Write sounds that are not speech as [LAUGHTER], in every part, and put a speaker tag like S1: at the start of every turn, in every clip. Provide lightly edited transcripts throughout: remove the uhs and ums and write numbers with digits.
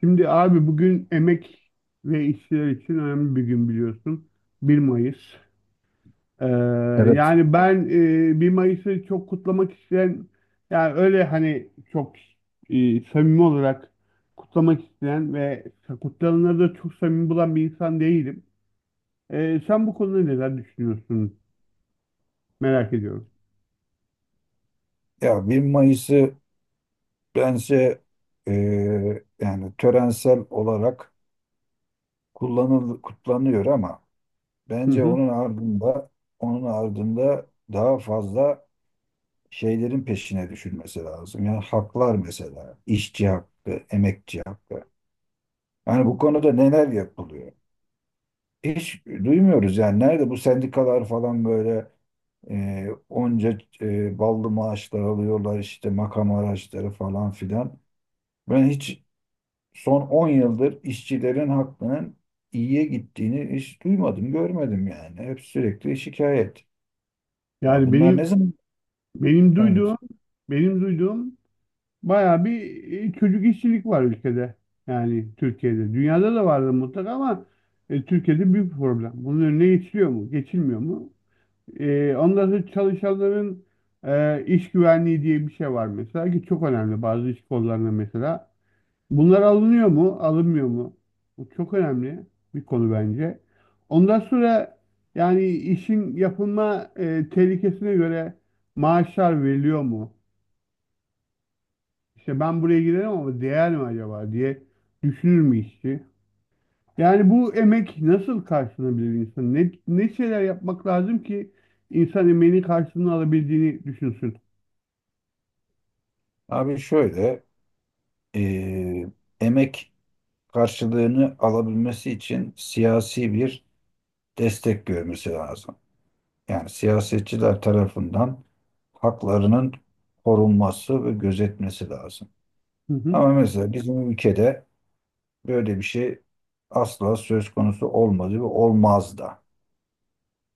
S1: Şimdi abi bugün emek ve işçiler için önemli bir gün biliyorsun. 1 Mayıs. Ee,
S2: Evet.
S1: yani ben 1 Mayıs'ı çok kutlamak isteyen, yani öyle hani çok samimi olarak kutlamak isteyen ve kutlananları da çok samimi bulan bir insan değilim. Sen bu konuda neler düşünüyorsun? Merak ediyorum.
S2: Ya bir Mayıs'ı bence e, yani törensel olarak kutlanıyor ama
S1: Hı
S2: bence
S1: hı.
S2: onun ardında onun ardında daha fazla şeylerin peşine düşülmesi lazım. Yani haklar mesela, işçi hakkı, emekçi hakkı. Yani bu konuda neler yapılıyor? Hiç duymuyoruz yani nerede bu sendikalar falan böyle onca ballı maaşlar alıyorlar işte makam araçları falan filan. Ben hiç son 10 yıldır işçilerin hakkının iyiye gittiğini hiç duymadım, görmedim yani. Hep sürekli şikayet. Ya
S1: Yani
S2: bunlar
S1: benim
S2: ne zaman?
S1: benim
S2: Evet.
S1: duyduğum bayağı bir çocuk işçilik var ülkede. Yani Türkiye'de. Dünyada da vardır mutlaka ama Türkiye'de büyük bir problem. Bunun önüne geçiliyor mu? Geçilmiyor mu? Ondan sonra çalışanların iş güvenliği diye bir şey var mesela ki çok önemli bazı iş kollarında mesela. Bunlar alınıyor mu? Alınmıyor mu? Bu çok önemli bir konu bence. Ondan sonra yani işin yapılma tehlikesine göre maaşlar veriliyor mu? İşte ben buraya girerim ama değer mi acaba diye düşünür mü işçi? Yani bu emek nasıl karşılanabilir insan? Ne, ne şeyler yapmak lazım ki insan emeğinin karşılığını alabildiğini düşünsün?
S2: Abi şöyle, eee, emek karşılığını alabilmesi için siyasi bir destek görmesi lazım. Yani siyasetçiler tarafından haklarının korunması ve gözetmesi lazım.
S1: Hı hı.
S2: Ama mesela bizim ülkede böyle bir şey asla söz konusu olmadı ve olmaz da.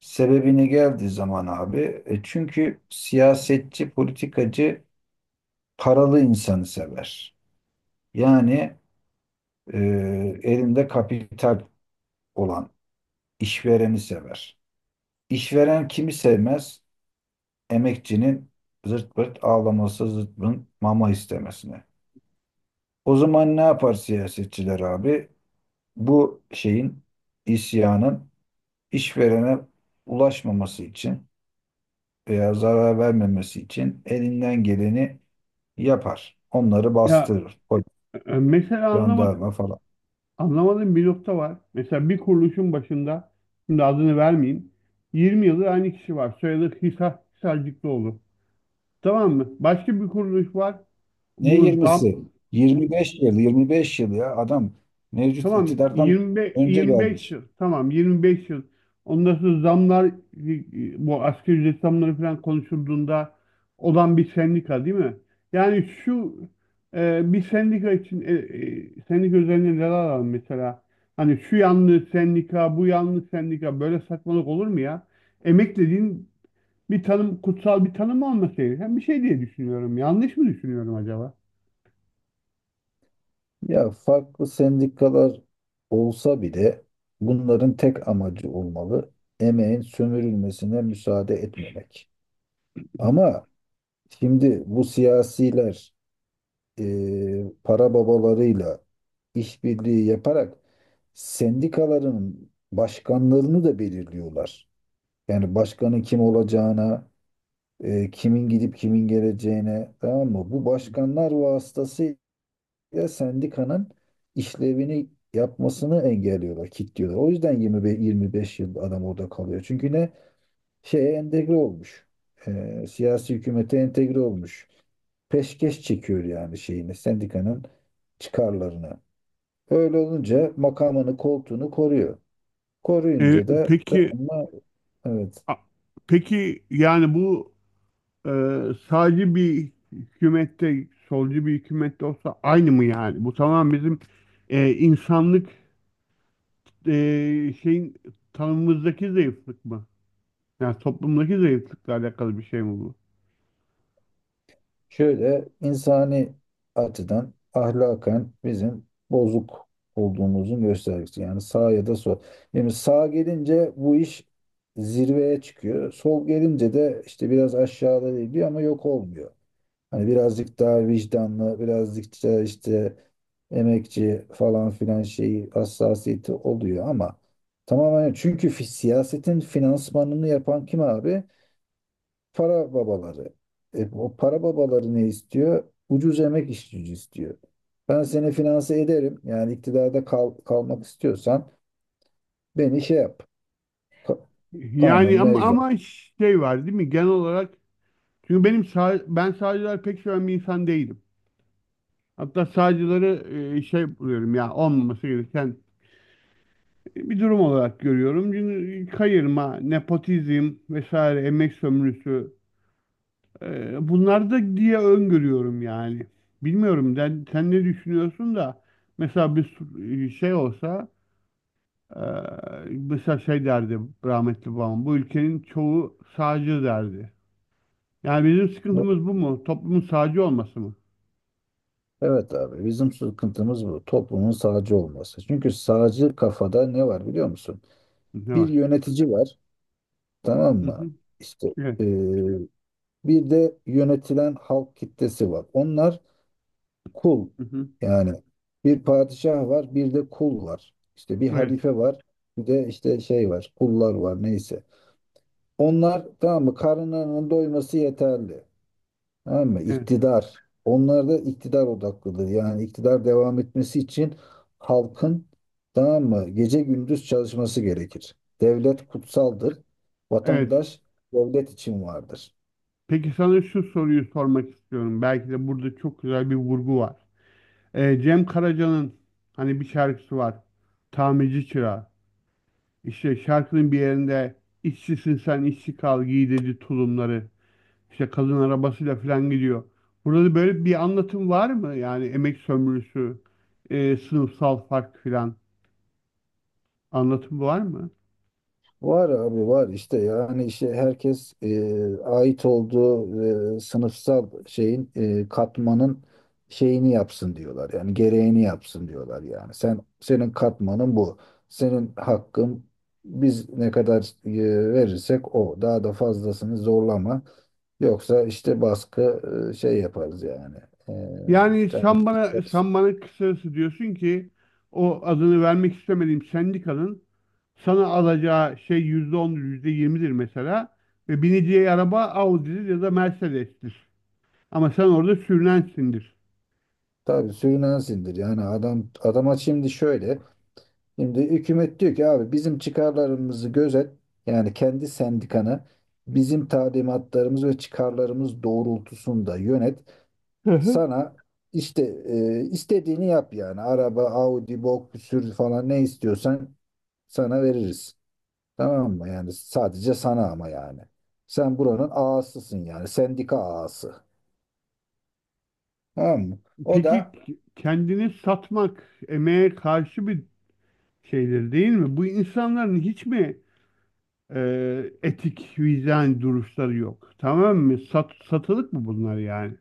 S2: Sebebini geldiği zaman abi, çünkü siyasetçi, politikacı paralı insanı sever. Yani e, elinde kapital olan işvereni sever. İşveren kimi sevmez? Emekçinin zırt pırt ağlaması, zırt pırt mama istemesini. O zaman ne yapar siyasetçiler abi? Bu şeyin, isyanın işverene ulaşmaması için veya zarar vermemesi için elinden geleni yapar. Onları
S1: Ya
S2: bastırır. Polis,
S1: mesela anlamadım,
S2: jandarma falan.
S1: anlamadığım bir nokta var. Mesela bir kuruluşun başında, şimdi adını vermeyeyim, 20 yıldır aynı kişi var. Soyadı Hisar, Hisarcıklıoğlu. Tamam mı? Başka bir kuruluş var.
S2: Ne
S1: Bu zam,
S2: yirmisi? 25 yıl, 25 yıl ya adam mevcut
S1: tamam
S2: iktidardan
S1: 25
S2: önce
S1: 25
S2: gelmiş.
S1: yıl. Tamam 25 yıl. Ondan sonra zamlar bu asgari ücret zamları falan konuşulduğunda olan bir sendika değil mi? Yani şu bir sendika için sendika üzerine neler alalım mesela? Hani şu yanlı sendika, bu yanlı sendika böyle saçmalık olur mu ya? Emek dediğin bir tanım, kutsal bir tanım olması gereken bir şey diye düşünüyorum. Yanlış mı düşünüyorum acaba?
S2: Ya farklı sendikalar olsa bile bunların tek amacı olmalı. Emeğin sömürülmesine müsaade etmemek. Ama şimdi bu siyasiler e, para babalarıyla işbirliği yaparak sendikaların başkanlarını da belirliyorlar. Yani başkanın kim olacağına, kimin gidip kimin geleceğine, tamam mı? Bu başkanlar vasıtasıyla sendikanın işlevini yapmasını engelliyorlar, kilitliyorlar. O yüzden 25, 25 yıl adam orada kalıyor. Çünkü ne? Şeye entegre olmuş. E, siyasi hükümete entegre olmuş. Peşkeş çekiyor yani şeyini, sendikanın çıkarlarını. Öyle olunca makamını, koltuğunu koruyor. Koruyunca da tamam
S1: Peki
S2: mı? Evet.
S1: a- peki yani bu Ee, sadece bir hükümette, solcu bir hükümette olsa aynı mı yani? Bu tamam bizim insanlık şeyin tanımımızdaki zayıflık mı? Yani toplumdaki zayıflıkla alakalı bir şey mi bu?
S2: Şöyle insani açıdan ahlaken bizim bozuk olduğumuzun göstergesi. Yani sağ ya da sol. Yani sağ gelince bu iş zirveye çıkıyor. Sol gelince de işte biraz aşağıda geliyor ama yok olmuyor. Hani birazcık daha vicdanlı, birazcık daha işte emekçi falan filan şeyi hassasiyeti oluyor ama tamamen çünkü siyasetin finansmanını yapan kim abi? Para babaları. E, o para babaları ne istiyor? Ucuz emek iş gücü istiyor. Ben seni finanse ederim. Yani iktidarda kalmak istiyorsan beni şey yap. Ka- kanun
S1: Yani ama,
S2: mevcut.
S1: şey var değil mi? Genel olarak çünkü benim sağ, ben sağcılar pek seven bir insan değilim. Hatta sağcıları şey buluyorum ya olmaması gereken bir durum olarak görüyorum. Çünkü kayırma, nepotizm vesaire, emek sömürüsü. Bunlar da diye öngörüyorum yani. Bilmiyorum sen, sen ne düşünüyorsun da mesela şey olsa e, mesela şey derdi rahmetli babam, bu ülkenin çoğu sağcı derdi. Yani bizim sıkıntımız bu mu? Toplumun sağcı olması mı?
S2: Evet abi bizim sıkıntımız bu. Toplumun sağcı olması. Çünkü sağcı kafada ne var biliyor musun?
S1: Ne
S2: Bir
S1: var?
S2: yönetici var tamam
S1: Hı
S2: mı?
S1: hı.
S2: İşte
S1: Evet.
S2: e, bir de yönetilen halk kitlesi var. Onlar kul.
S1: Hı hı.
S2: Yani bir padişah var, bir de kul var. İşte bir
S1: Evet.
S2: halife var, bir de işte şey var, kullar var neyse. Onlar tamam mı? Karınlarının doyması yeterli. Tamam mı?
S1: Evet.
S2: İktidar. Onlar da iktidar odaklıdır. Yani iktidar devam etmesi için halkın tamam mı? Gece gündüz çalışması gerekir. Devlet kutsaldır.
S1: Evet.
S2: Vatandaş devlet için vardır.
S1: Peki sana şu soruyu sormak istiyorum. Belki de burada çok güzel bir vurgu var. Cem Karaca'nın hani bir şarkısı var. Tamirci Çırağı. İşte şarkının bir yerinde işçisin sen işçi kal giy dedi tulumları. İşte kadın arabasıyla falan gidiyor. Burada da böyle bir anlatım var mı? Yani emek sömürüsü, sınıfsal fark filan anlatım var mı?
S2: Var abi var işte yani işte herkes ait olduğu sınıfsal şeyin katmanın şeyini yapsın diyorlar. Yani gereğini yapsın diyorlar yani. Sen senin katmanın bu. Senin hakkın biz ne kadar verirsek o. Daha da fazlasını zorlama. Yoksa işte baskı şey yaparız yani. E,
S1: Yani
S2: sen-
S1: sen bana, sen bana kısacası diyorsun ki o adını vermek istemediğim sendikanın sana alacağı şey yüzde ondur, yüzde yirmidir mesela ve bineceği araba Audi'dir ya da Mercedes'tir. Ama sen orada sürünensindir.
S2: tabii sürünen sindir. Yani adam adama şimdi şöyle. Şimdi hükümet diyor ki abi bizim çıkarlarımızı gözet. Yani kendi sendikana bizim talimatlarımız ve çıkarlarımız doğrultusunda yönet.
S1: [LAUGHS]
S2: Sana işte istediğini yap yani. Araba, Audi, bok, sür falan ne istiyorsan sana veririz. Tamam mı? Yani sadece sana ama yani. Sen buranın ağasısın yani. Sendika ağası. Tamam mı? O
S1: Peki
S2: da
S1: kendini satmak emeğe karşı bir şeydir değil mi? Bu insanların hiç mi e, etik, vicdan duruşları yok? Tamam mı? Sat, satılık mı bunlar yani?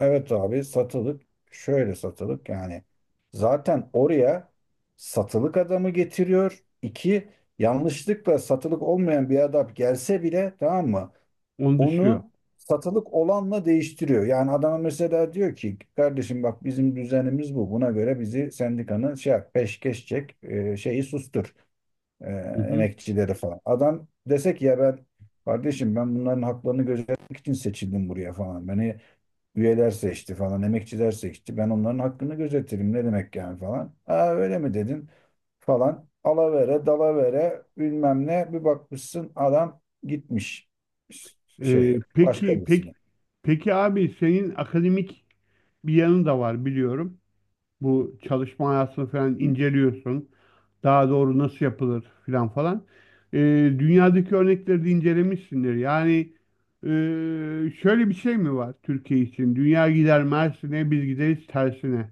S2: evet abi satılık şöyle satılık yani zaten oraya satılık adamı getiriyor. İki yanlışlıkla satılık olmayan bir adam gelse bile tamam mı?
S1: Onu düşünüyor.
S2: Onu satılık olanla değiştiriyor. Yani adama mesela diyor ki kardeşim bak bizim düzenimiz bu. Buna göre bizi sendikanın şey yap, peşkeş çek şeyi sustur e,
S1: Hı hı.
S2: emekçileri falan. Adam desek ya ben kardeşim ben bunların haklarını gözetmek için seçildim buraya falan. Beni üyeler seçti falan, emekçiler seçti. Ben onların hakkını gözetirim. Ne demek yani falan. Aa öyle mi dedin falan. Alavere, dalavere, bilmem ne. Bir bakmışsın adam gitmiş
S1: E,
S2: şey başka
S1: peki, peki,
S2: birisine.
S1: peki abi senin akademik bir yanın da var biliyorum. Bu çalışma hayatını falan inceliyorsun. Daha doğru nasıl yapılır filan falan. Ee, dünyadaki örnekleri de incelemişsindir. Yani şöyle bir şey mi var Türkiye için? Dünya gider Mersin'e, biz gideriz tersine.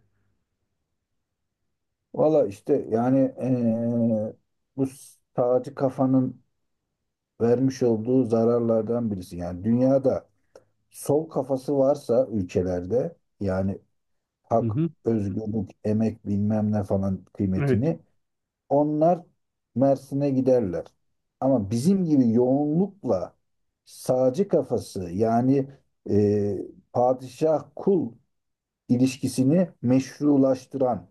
S2: Valla işte yani bu sağcı kafanın vermiş olduğu zararlardan birisi. Yani dünyada sol kafası varsa ülkelerde yani
S1: Hı
S2: hak,
S1: hı.
S2: özgürlük, emek bilmem ne falan
S1: Evet.
S2: kıymetini. Onlar Mersin'e giderler. Ama bizim gibi yoğunlukla sağcı kafası yani e, padişah kul ilişkisini meşrulaştıran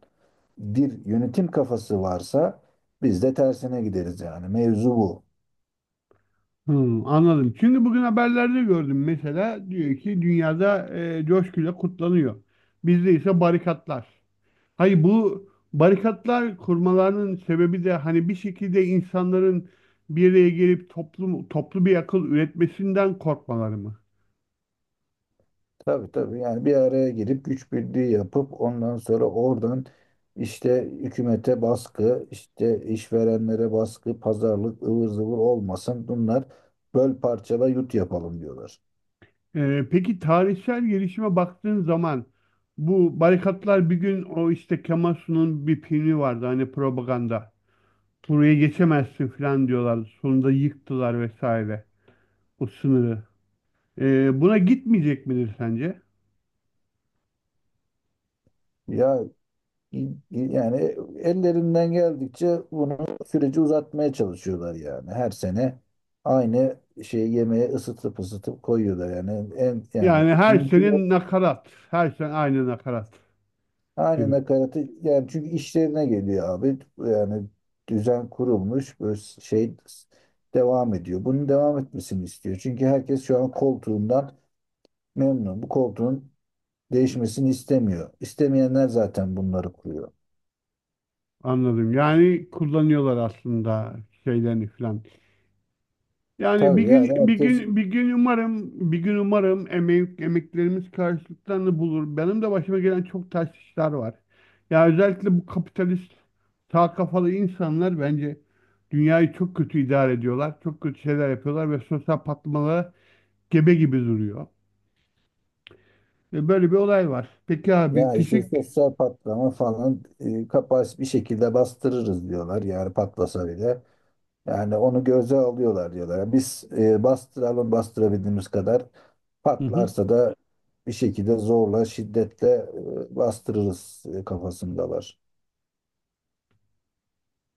S2: bir yönetim kafası varsa biz de tersine gideriz yani. Mevzu bu.
S1: Hmm, anladım. Çünkü bugün haberlerde gördüm mesela, diyor ki dünyada coşkuyla kutlanıyor. Bizde ise barikatlar. Hayır, bu barikatlar kurmalarının sebebi de hani bir şekilde insanların bir araya gelip toplum, toplu bir akıl üretmesinden korkmaları mı?
S2: Tabii tabii yani bir araya girip güç birliği yapıp ondan sonra oradan işte hükümete baskı, işte işverenlere baskı, pazarlık ıvır zıvır olmasın. Bunlar böl parçala yut yapalım diyorlar.
S1: Peki tarihsel gelişime baktığın zaman bu barikatlar bir gün o işte Kemal Sunal'ın bir filmi vardı hani, propaganda. Buraya geçemezsin falan diyorlardı. Sonunda yıktılar vesaire o sınırı. Buna gitmeyecek midir sence?
S2: Ya i- yani ellerinden geldikçe bunu süreci uzatmaya çalışıyorlar yani. Her sene aynı şeyi yemeğe ısıtıp ısıtıp koyuyorlar yani en yani
S1: Yani her
S2: mümkün.
S1: sene nakarat. Her sene aynı nakarat
S2: Aynı
S1: gibi.
S2: nakaratı yani çünkü işlerine geliyor abi. Yani düzen kurulmuş böyle şey devam ediyor. Bunun devam etmesini istiyor. Çünkü herkes şu an koltuğundan memnun. Bu koltuğun değişmesini istemiyor. İstemeyenler zaten bunları kuruyor.
S1: Anladım. Yani kullanıyorlar aslında şeylerini falan. Yani
S2: Tabii yani herkes
S1: bir gün umarım, emek, emeklerimiz karşılıklarını bulur. Benim de başıma gelen çok ters işler var. Ya özellikle bu kapitalist sağ kafalı insanlar bence dünyayı çok kötü idare ediyorlar. Çok kötü şeyler yapıyorlar ve sosyal patlamalara gebe gibi duruyor. Ve böyle bir olay var. Peki abi,
S2: ya işte
S1: teşekkür.
S2: sosyal patlama falan kapasite bir şekilde bastırırız diyorlar. Yani patlasa bile. Yani onu göze alıyorlar diyorlar. Biz bastıralım bastırabildiğimiz kadar.
S1: Hı hı.
S2: Patlarsa da bir şekilde zorla, şiddetle bastırırız kafasındalar.